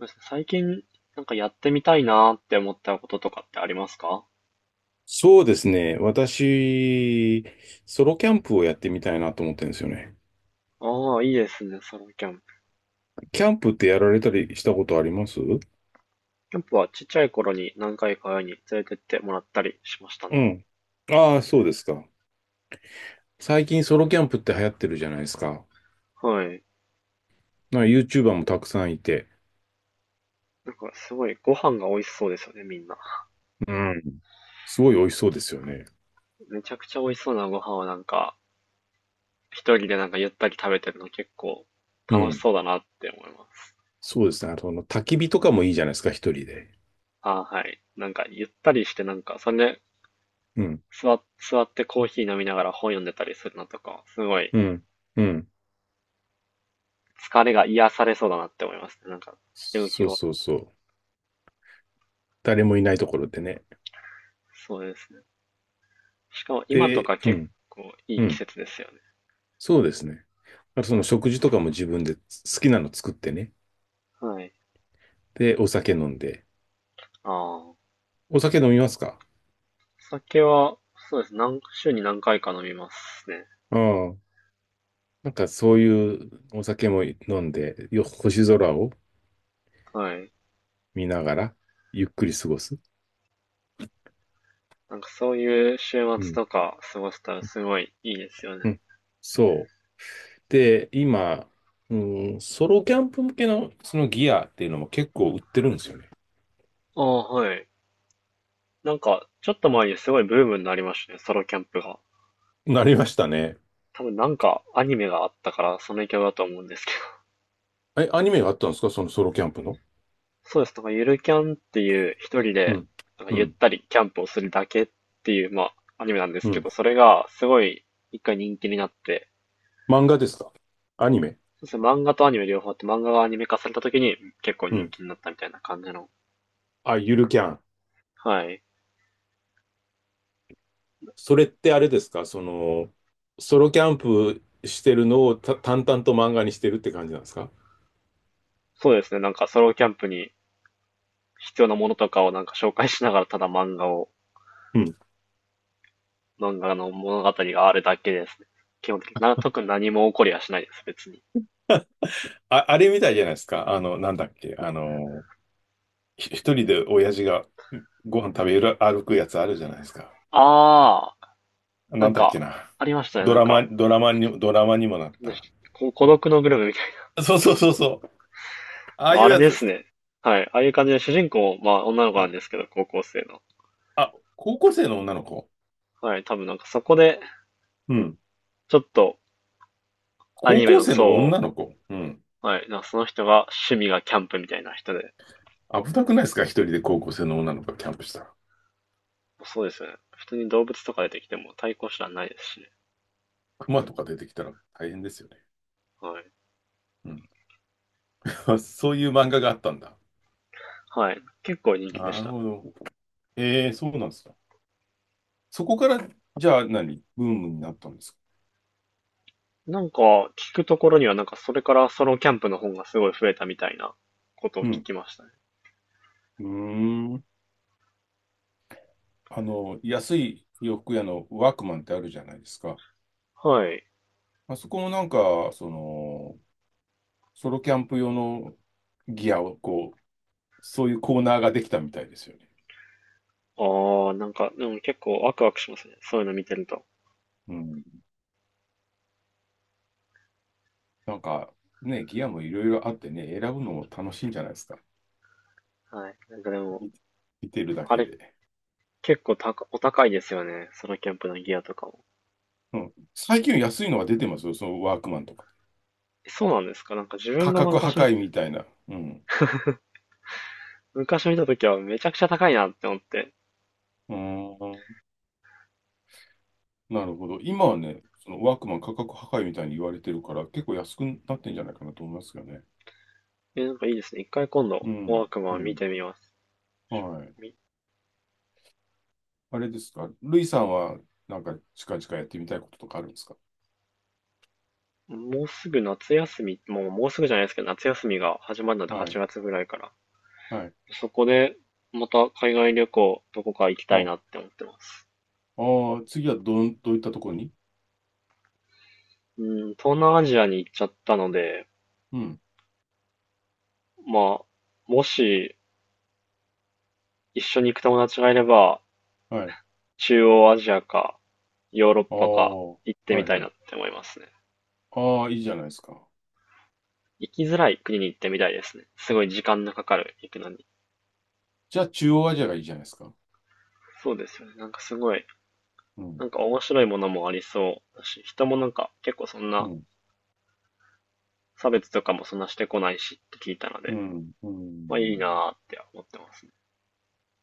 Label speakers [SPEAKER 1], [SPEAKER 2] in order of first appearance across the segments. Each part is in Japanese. [SPEAKER 1] そうですね、最近やってみたいなーって思ったこととかってありますか？
[SPEAKER 2] そうですね。私、ソロキャンプをやってみたいなと思ってるんですよね。
[SPEAKER 1] ああ、いいですね、ソロキャンプ。
[SPEAKER 2] キャンプってやられたりしたことあります？
[SPEAKER 1] キャンプはちっちゃい頃に何回か親に連れてってもらったりしましたね。
[SPEAKER 2] うん。ああ、そうですか。最近ソロキャンプって流行ってるじゃないですか。
[SPEAKER 1] はい。
[SPEAKER 2] なんか YouTuber もたくさんいて。
[SPEAKER 1] なんかすごいご飯が美味しそうですよね、みんな。
[SPEAKER 2] うん。すごい美味しそうですよね。
[SPEAKER 1] めちゃくちゃ美味しそうなご飯を一人でゆったり食べてるの結構
[SPEAKER 2] う
[SPEAKER 1] 楽し
[SPEAKER 2] ん。
[SPEAKER 1] そうだなって思います。
[SPEAKER 2] そうですね。あと、焚き火とかもいいじゃないですか、一人で。
[SPEAKER 1] ああ、はい。ゆったりしてそれで
[SPEAKER 2] うん。
[SPEAKER 1] 座ってコーヒー飲みながら本読んでたりするのとか、すごい
[SPEAKER 2] うん。うん。
[SPEAKER 1] 疲れが癒されそうだなって思いますね。ひろゆき
[SPEAKER 2] そう
[SPEAKER 1] 語。
[SPEAKER 2] そうそう。誰もいないところでね。
[SPEAKER 1] そうですね。しかも今と
[SPEAKER 2] で、
[SPEAKER 1] か
[SPEAKER 2] う
[SPEAKER 1] 結
[SPEAKER 2] ん。
[SPEAKER 1] 構い
[SPEAKER 2] う
[SPEAKER 1] い季
[SPEAKER 2] ん。
[SPEAKER 1] 節ですよね。
[SPEAKER 2] そうですね。あとその食事とかも自分で好きなの作ってね。
[SPEAKER 1] はい。
[SPEAKER 2] で、お酒飲んで。
[SPEAKER 1] ああ。お
[SPEAKER 2] お酒飲みますか？
[SPEAKER 1] 酒は、そうですね。週に何回か飲みますね。
[SPEAKER 2] うん。なんかそういうお酒も飲んで、星空を
[SPEAKER 1] はい。
[SPEAKER 2] 見ながら、ゆっくり過ごす。
[SPEAKER 1] なんかそういう週
[SPEAKER 2] う
[SPEAKER 1] 末
[SPEAKER 2] ん。
[SPEAKER 1] とか過ごせたらすごいいいですよね。
[SPEAKER 2] うん。そう。で、今、うん、ソロキャンプ向けのそのギアっていうのも結構売ってるんですよね。
[SPEAKER 1] ああ、はい。なんか、ちょっと前にすごいブームになりましたね。ソロキャンプが。
[SPEAKER 2] なりましたね。
[SPEAKER 1] 多分なんかアニメがあったから、その影響だと思うんですけど。
[SPEAKER 2] え、アニメがあったんですか、そのソロキャンプの。
[SPEAKER 1] そうです。なんかゆるキャンっていう、一人
[SPEAKER 2] う
[SPEAKER 1] で
[SPEAKER 2] ん。
[SPEAKER 1] なんか
[SPEAKER 2] う
[SPEAKER 1] ゆっ
[SPEAKER 2] ん。
[SPEAKER 1] たりキャンプをするだけっていう、まあ、アニメなんです
[SPEAKER 2] う
[SPEAKER 1] け
[SPEAKER 2] ん。
[SPEAKER 1] ど、それがすごい一回人気になって、
[SPEAKER 2] 漫画ですか、アニメ。
[SPEAKER 1] そうですね、漫画とアニメ両方あって、漫画がアニメ化された時に結構
[SPEAKER 2] う
[SPEAKER 1] 人
[SPEAKER 2] ん。
[SPEAKER 1] 気になったみたいな感じの。
[SPEAKER 2] あ、ゆるキャン。
[SPEAKER 1] はい。
[SPEAKER 2] それってあれですか、その、ソロキャンプしてるのを淡々と漫画にしてるって感じなんですか？
[SPEAKER 1] そうですね。なんかソロキャンプに必要なものとかをなんか紹介しながら、ただ
[SPEAKER 2] うん。
[SPEAKER 1] 漫画の物語があるだけですね。基本的に。特に何も起こりはしないです、別に。
[SPEAKER 2] あ、あれみたいじゃないですか。なんだっけ。一人で親父がご飯食べる、歩くやつあるじゃないですか。
[SPEAKER 1] あー、な
[SPEAKER 2] なん
[SPEAKER 1] ん
[SPEAKER 2] だっけ
[SPEAKER 1] か、
[SPEAKER 2] な。
[SPEAKER 1] ありましたね。なんか、
[SPEAKER 2] ドラマにもなっ
[SPEAKER 1] ね
[SPEAKER 2] た。
[SPEAKER 1] 孤独のグルメ
[SPEAKER 2] そうそうそうそう。ああい
[SPEAKER 1] あ
[SPEAKER 2] う
[SPEAKER 1] れ
[SPEAKER 2] やつ
[SPEAKER 1] で
[SPEAKER 2] で
[SPEAKER 1] す
[SPEAKER 2] すか。
[SPEAKER 1] ね。はい。ああいう感じで主人公、まあ女の子なん
[SPEAKER 2] あ、
[SPEAKER 1] ですけど、高校生の。
[SPEAKER 2] あ、高校生の女の子。
[SPEAKER 1] はい。多分なんかそこで、
[SPEAKER 2] うん。
[SPEAKER 1] ちょっとア
[SPEAKER 2] 高
[SPEAKER 1] ニメ
[SPEAKER 2] 校
[SPEAKER 1] の
[SPEAKER 2] 生
[SPEAKER 1] 層
[SPEAKER 2] の女
[SPEAKER 1] を、
[SPEAKER 2] の子。うん。
[SPEAKER 1] はい。なんかその人が趣味がキャンプみたいな人で。
[SPEAKER 2] 危なくないですか、一人で高校生の女の子がキャンプしたら。
[SPEAKER 1] そうですよね。普通に動物とか出てきても対抗手段ないですしね。
[SPEAKER 2] 熊とか出てきたら大変ですよね。
[SPEAKER 1] はい。
[SPEAKER 2] うん。 そういう漫画があったんだ。
[SPEAKER 1] はい。結構人気で
[SPEAKER 2] な
[SPEAKER 1] し
[SPEAKER 2] る
[SPEAKER 1] た。
[SPEAKER 2] ほど。ええ、そうなんですか。そこから、じゃあ何ブームになったんですか？
[SPEAKER 1] なんか、聞くところにはなんかそれからソロキャンプの本がすごい増えたみたいなことを
[SPEAKER 2] う
[SPEAKER 1] 聞
[SPEAKER 2] ん。
[SPEAKER 1] きましたね。
[SPEAKER 2] うーん。安い洋服屋のワークマンってあるじゃないですか。
[SPEAKER 1] はい。
[SPEAKER 2] あそこもなんか、その、ソロキャンプ用のギアを、こう、そういうコーナーができたみたいですよね。
[SPEAKER 1] ああ、なんか、でも結構ワクワクしますね。そういうの見てると。
[SPEAKER 2] うん。なんか、ね、ギアもいろいろあってね、選ぶのも楽しいんじゃないですか。
[SPEAKER 1] はい。なんかでも、
[SPEAKER 2] 見見てるだ
[SPEAKER 1] あ
[SPEAKER 2] け
[SPEAKER 1] れ、
[SPEAKER 2] で。
[SPEAKER 1] 結構お高いですよね。ソロキャンプのギアとかも。
[SPEAKER 2] うん。最近安いのが出てますよ、そのワークマンとか。
[SPEAKER 1] えそうなんですか、なんか自分
[SPEAKER 2] 価
[SPEAKER 1] が
[SPEAKER 2] 格破壊みたいな。うん。
[SPEAKER 1] 昔見た時はめちゃくちゃ高いなって思って。
[SPEAKER 2] うーん。なるほど。今はね、そのワークマン価格破壊みたいに言われてるから、結構安くなってんじゃないかなと思いますよね。
[SPEAKER 1] え、なんかいいですね。一回今度、
[SPEAKER 2] う
[SPEAKER 1] ワ
[SPEAKER 2] ん。
[SPEAKER 1] ーク
[SPEAKER 2] う
[SPEAKER 1] マン見
[SPEAKER 2] ん。
[SPEAKER 1] てみます。しょ
[SPEAKER 2] はい。
[SPEAKER 1] み
[SPEAKER 2] あれですか。ルイさんは、なんか近々やってみたいこととかあるんですか？
[SPEAKER 1] もうすぐ夏休み、もうすぐじゃないですけど、夏休みが始まるので
[SPEAKER 2] は
[SPEAKER 1] 8
[SPEAKER 2] い。
[SPEAKER 1] 月ぐらいから。
[SPEAKER 2] はい。
[SPEAKER 1] そこで、また海外旅行、どこか行きたい
[SPEAKER 2] あ、
[SPEAKER 1] なって思ってます。
[SPEAKER 2] あー、次はどういったところに。
[SPEAKER 1] うん、東南アジアに行っちゃったので、
[SPEAKER 2] うん。
[SPEAKER 1] まあ、もし一緒に行く友達がいれば、
[SPEAKER 2] はい。
[SPEAKER 1] 中央アジアか、ヨーロッ
[SPEAKER 2] ああ、
[SPEAKER 1] パか行ってみ
[SPEAKER 2] はい
[SPEAKER 1] たい
[SPEAKER 2] は
[SPEAKER 1] な
[SPEAKER 2] い。
[SPEAKER 1] って思いますね。
[SPEAKER 2] ああ、いいじゃないですか。
[SPEAKER 1] 行きづらい国に行ってみたいですね。すごい時間のかかる、行くのに。
[SPEAKER 2] じゃあ、中央アジアがいいじゃないですか。
[SPEAKER 1] そうですよね。なんかすごい、
[SPEAKER 2] うん。
[SPEAKER 1] なんか面白いものもありそうだし、人もなんか結構そん
[SPEAKER 2] う
[SPEAKER 1] な
[SPEAKER 2] ん。
[SPEAKER 1] 差別とかもそんなしてこないしって聞いたの
[SPEAKER 2] う
[SPEAKER 1] で、
[SPEAKER 2] ん。う
[SPEAKER 1] まあいいな
[SPEAKER 2] ん。
[SPEAKER 1] ーって思ってますね。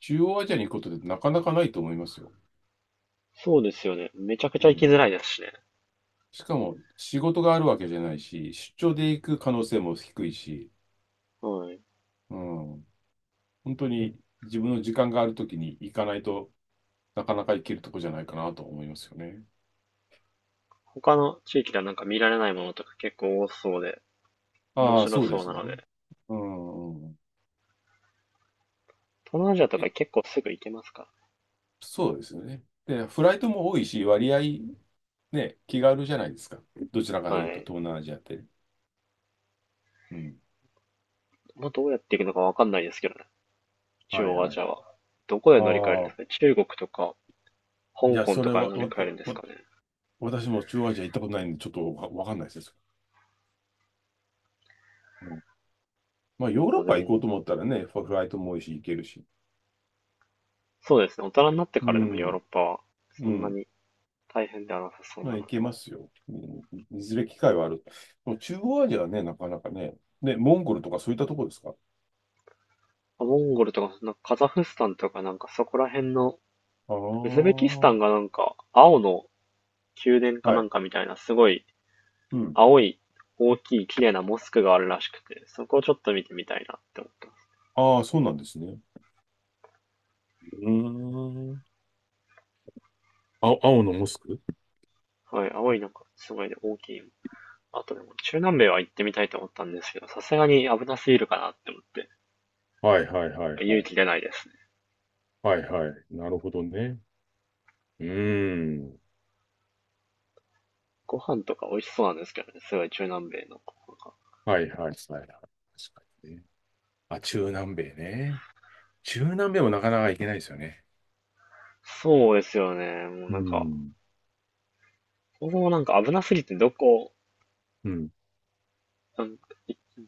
[SPEAKER 2] 中央アジアに行くことってなかなかないと思いますよ。
[SPEAKER 1] そうですよね。めちゃく
[SPEAKER 2] う
[SPEAKER 1] ちゃ行きづら
[SPEAKER 2] ん。
[SPEAKER 1] いですしね。
[SPEAKER 2] しかも、仕事があるわけじゃないし、出張で行く可能性も低いし、
[SPEAKER 1] はい。
[SPEAKER 2] うん、本当に自分の時間があるときに行かないとなかなか行けるとこじゃないかなと思いますよね。
[SPEAKER 1] 他の地域ではなんか見られないものとか結構多そうで、面
[SPEAKER 2] ああ、
[SPEAKER 1] 白
[SPEAKER 2] そうで
[SPEAKER 1] そう
[SPEAKER 2] す
[SPEAKER 1] な
[SPEAKER 2] よ
[SPEAKER 1] の
[SPEAKER 2] ね。
[SPEAKER 1] で、
[SPEAKER 2] うん、うん。
[SPEAKER 1] 東南アジアとか
[SPEAKER 2] え、
[SPEAKER 1] 結構すぐ行けますか
[SPEAKER 2] そうですよね。で、フライトも多いし、割合ね、気軽じゃないですか。どちらか
[SPEAKER 1] ら。
[SPEAKER 2] で言う
[SPEAKER 1] は
[SPEAKER 2] と、
[SPEAKER 1] い。
[SPEAKER 2] 東南アジアって。うん。
[SPEAKER 1] まあ、どうやって行くのかわかんないですけどね。中
[SPEAKER 2] はい
[SPEAKER 1] 央ア
[SPEAKER 2] はい。
[SPEAKER 1] ジ
[SPEAKER 2] あ
[SPEAKER 1] アは。どこで乗り換えるんで
[SPEAKER 2] あ、
[SPEAKER 1] すかね。中国とか、
[SPEAKER 2] い
[SPEAKER 1] 香
[SPEAKER 2] や、
[SPEAKER 1] 港
[SPEAKER 2] そ
[SPEAKER 1] と
[SPEAKER 2] れ
[SPEAKER 1] かで
[SPEAKER 2] は、
[SPEAKER 1] 乗り
[SPEAKER 2] わわ
[SPEAKER 1] 換えるんです
[SPEAKER 2] わ
[SPEAKER 1] かね。
[SPEAKER 2] 私も中央アジア行ったことないんで、ちょっとわかんないです。うん。まあ、ヨー
[SPEAKER 1] も
[SPEAKER 2] ロッ
[SPEAKER 1] うで
[SPEAKER 2] パ行
[SPEAKER 1] も、
[SPEAKER 2] こうと思ったらね、フライトも多いし、行けるし。
[SPEAKER 1] そうですね。大人になって
[SPEAKER 2] う
[SPEAKER 1] からでもヨー
[SPEAKER 2] ん、
[SPEAKER 1] ロッパは、そ
[SPEAKER 2] う
[SPEAKER 1] んな
[SPEAKER 2] ん。
[SPEAKER 1] に大変ではなさそう
[SPEAKER 2] ま
[SPEAKER 1] な
[SPEAKER 2] あ、行
[SPEAKER 1] の。
[SPEAKER 2] けますよ。うん。いずれ機会はある。もう中央アジアはね、なかなかね。ね、モンゴルとかそういったとこですか？
[SPEAKER 1] モンゴルとか、そんなカザフスタンとかなんかそこら辺の、
[SPEAKER 2] ああ
[SPEAKER 1] ウズベキスタン
[SPEAKER 2] ー、
[SPEAKER 1] がなんか、青の宮殿か
[SPEAKER 2] は
[SPEAKER 1] な
[SPEAKER 2] い。
[SPEAKER 1] んかみたいな、すごい
[SPEAKER 2] うん。
[SPEAKER 1] 青い大きい綺麗なモスクがあるらしくて、そこをちょっと見てみたいなって思ってます。
[SPEAKER 2] ああ、そうなんですね。うーん。あ、青のモスク。
[SPEAKER 1] はい、青いなんかすごいね、大きいあとでも、中南米は行ってみたいと思ったんですけど、さすがに危なすぎるかなって思って、
[SPEAKER 2] はいはいはい
[SPEAKER 1] 勇
[SPEAKER 2] はい。
[SPEAKER 1] 気出ないですね。
[SPEAKER 2] はいはい。なるほどね。うーん。
[SPEAKER 1] ご飯とか美味しそうなんですけどね、すごい中南米の。なんか
[SPEAKER 2] はいはいはい。確かにね。あ、中南米ね。中南米もなかなか行けないですよね。
[SPEAKER 1] そうですよね、もうな
[SPEAKER 2] う
[SPEAKER 1] んか、
[SPEAKER 2] ん。
[SPEAKER 1] そもそもなんか危なすぎて
[SPEAKER 2] うん。
[SPEAKER 1] なん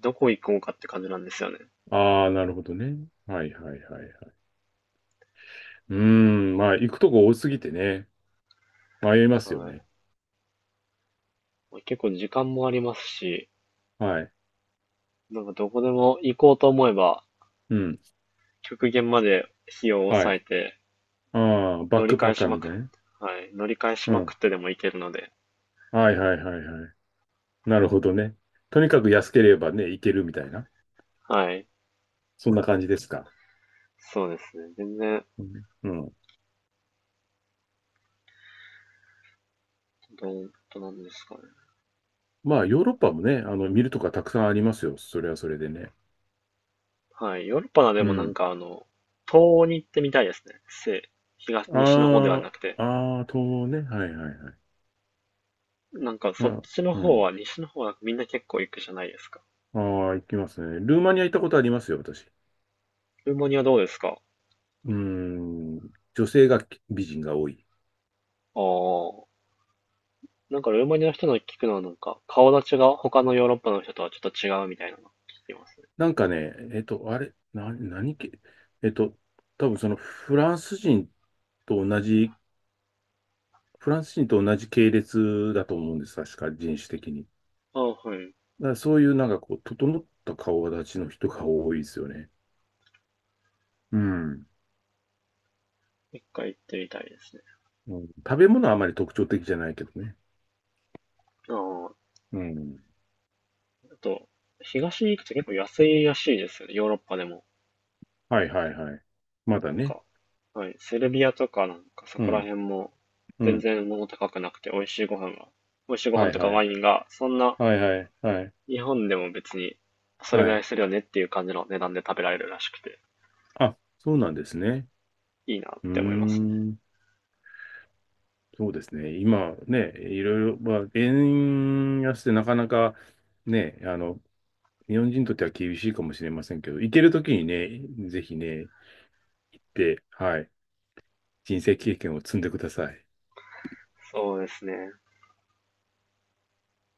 [SPEAKER 1] どこ行こうかって感じなんですよね。
[SPEAKER 2] ああ、なるほどね。はいはいはいはい。うーん、まあ、行くとこ多すぎてね、迷いますよ
[SPEAKER 1] は
[SPEAKER 2] ね。
[SPEAKER 1] い。結構時間もありますし、
[SPEAKER 2] はい。
[SPEAKER 1] なんかどこでも行こうと思えば、
[SPEAKER 2] うん。
[SPEAKER 1] 極限まで費用を
[SPEAKER 2] は
[SPEAKER 1] 抑え
[SPEAKER 2] い。
[SPEAKER 1] て、
[SPEAKER 2] ああ、バッ
[SPEAKER 1] 乗り
[SPEAKER 2] ク
[SPEAKER 1] 換
[SPEAKER 2] パ
[SPEAKER 1] え
[SPEAKER 2] ッカ
[SPEAKER 1] し
[SPEAKER 2] ー
[SPEAKER 1] ま
[SPEAKER 2] み
[SPEAKER 1] く
[SPEAKER 2] た
[SPEAKER 1] っ、
[SPEAKER 2] いなね。
[SPEAKER 1] はい、乗り換えし
[SPEAKER 2] う
[SPEAKER 1] まく
[SPEAKER 2] ん。
[SPEAKER 1] ってでも行けるので、
[SPEAKER 2] はいはいはいはい。なるほどね。とにかく安ければね、行けるみたいな。
[SPEAKER 1] はい、
[SPEAKER 2] そんな感じですか。
[SPEAKER 1] そうですね。全然
[SPEAKER 2] うん。うん。
[SPEAKER 1] どんとなんですかね。
[SPEAKER 2] まあ、ヨーロッパもね、見るとかたくさんありますよ。それはそれでね。
[SPEAKER 1] はい。ヨーロッパで
[SPEAKER 2] う
[SPEAKER 1] もなん
[SPEAKER 2] ん。
[SPEAKER 1] かあの、東欧に行ってみたいですね。西の方では
[SPEAKER 2] あ
[SPEAKER 1] なくて。
[SPEAKER 2] あ、ああ、とね。はいはいはい。
[SPEAKER 1] なんか
[SPEAKER 2] う
[SPEAKER 1] そっ
[SPEAKER 2] ん。
[SPEAKER 1] ちの
[SPEAKER 2] う
[SPEAKER 1] 方
[SPEAKER 2] ん。
[SPEAKER 1] は、西の方はみんな結構行くじゃないですか。
[SPEAKER 2] ああ、行きますね。ルーマニア行ったことありますよ、私。
[SPEAKER 1] ルーマニアどうですか？
[SPEAKER 2] うーん、女性が美人が多い。
[SPEAKER 1] ああ。なんかルーマニアの人の聞くのはなんか、顔立ちが他のヨーロッパの人とはちょっと違うみたいなの聞きますね。
[SPEAKER 2] なんかね、えっと、あれ、な、何系、えっと、多分そのフランス人と同じ、フランス人と同じ系列だと思うんです、確か人種的に。
[SPEAKER 1] ああ、はい。
[SPEAKER 2] だからそういうなんかこう、整った顔立ちの人が多いですよね。うん。
[SPEAKER 1] 一回行ってみたいですね。
[SPEAKER 2] うん、食べ物はあまり特徴的じゃないけどね。
[SPEAKER 1] ああ。
[SPEAKER 2] うん。
[SPEAKER 1] あと、東に行くと結構安いらしいですよね。ヨーロッパでも。
[SPEAKER 2] はいはいはい。まだ
[SPEAKER 1] なん
[SPEAKER 2] ね。
[SPEAKER 1] か、はい、セルビアとかなんかそ
[SPEAKER 2] う
[SPEAKER 1] こら
[SPEAKER 2] ん。
[SPEAKER 1] 辺も
[SPEAKER 2] う
[SPEAKER 1] 全
[SPEAKER 2] ん。
[SPEAKER 1] 然物高くなくて美味しいご
[SPEAKER 2] は
[SPEAKER 1] 飯
[SPEAKER 2] い
[SPEAKER 1] とか
[SPEAKER 2] は
[SPEAKER 1] ワ
[SPEAKER 2] い。
[SPEAKER 1] インがそんな
[SPEAKER 2] はいはいはい。
[SPEAKER 1] 日本でも別にそれぐ
[SPEAKER 2] は
[SPEAKER 1] らい
[SPEAKER 2] い。
[SPEAKER 1] するよねっていう感じの値段で食べられるらしくて、
[SPEAKER 2] あ、そうなんですね。
[SPEAKER 1] いいなっ
[SPEAKER 2] うー
[SPEAKER 1] て思いますね。
[SPEAKER 2] ん。そうですね。今ね、いろいろ、まあ、円安でなかなかね、日本人にとっては厳しいかもしれませんけど、行けるときにね、ぜひね、行って、はい、人生経験を積んでください。
[SPEAKER 1] そうですね。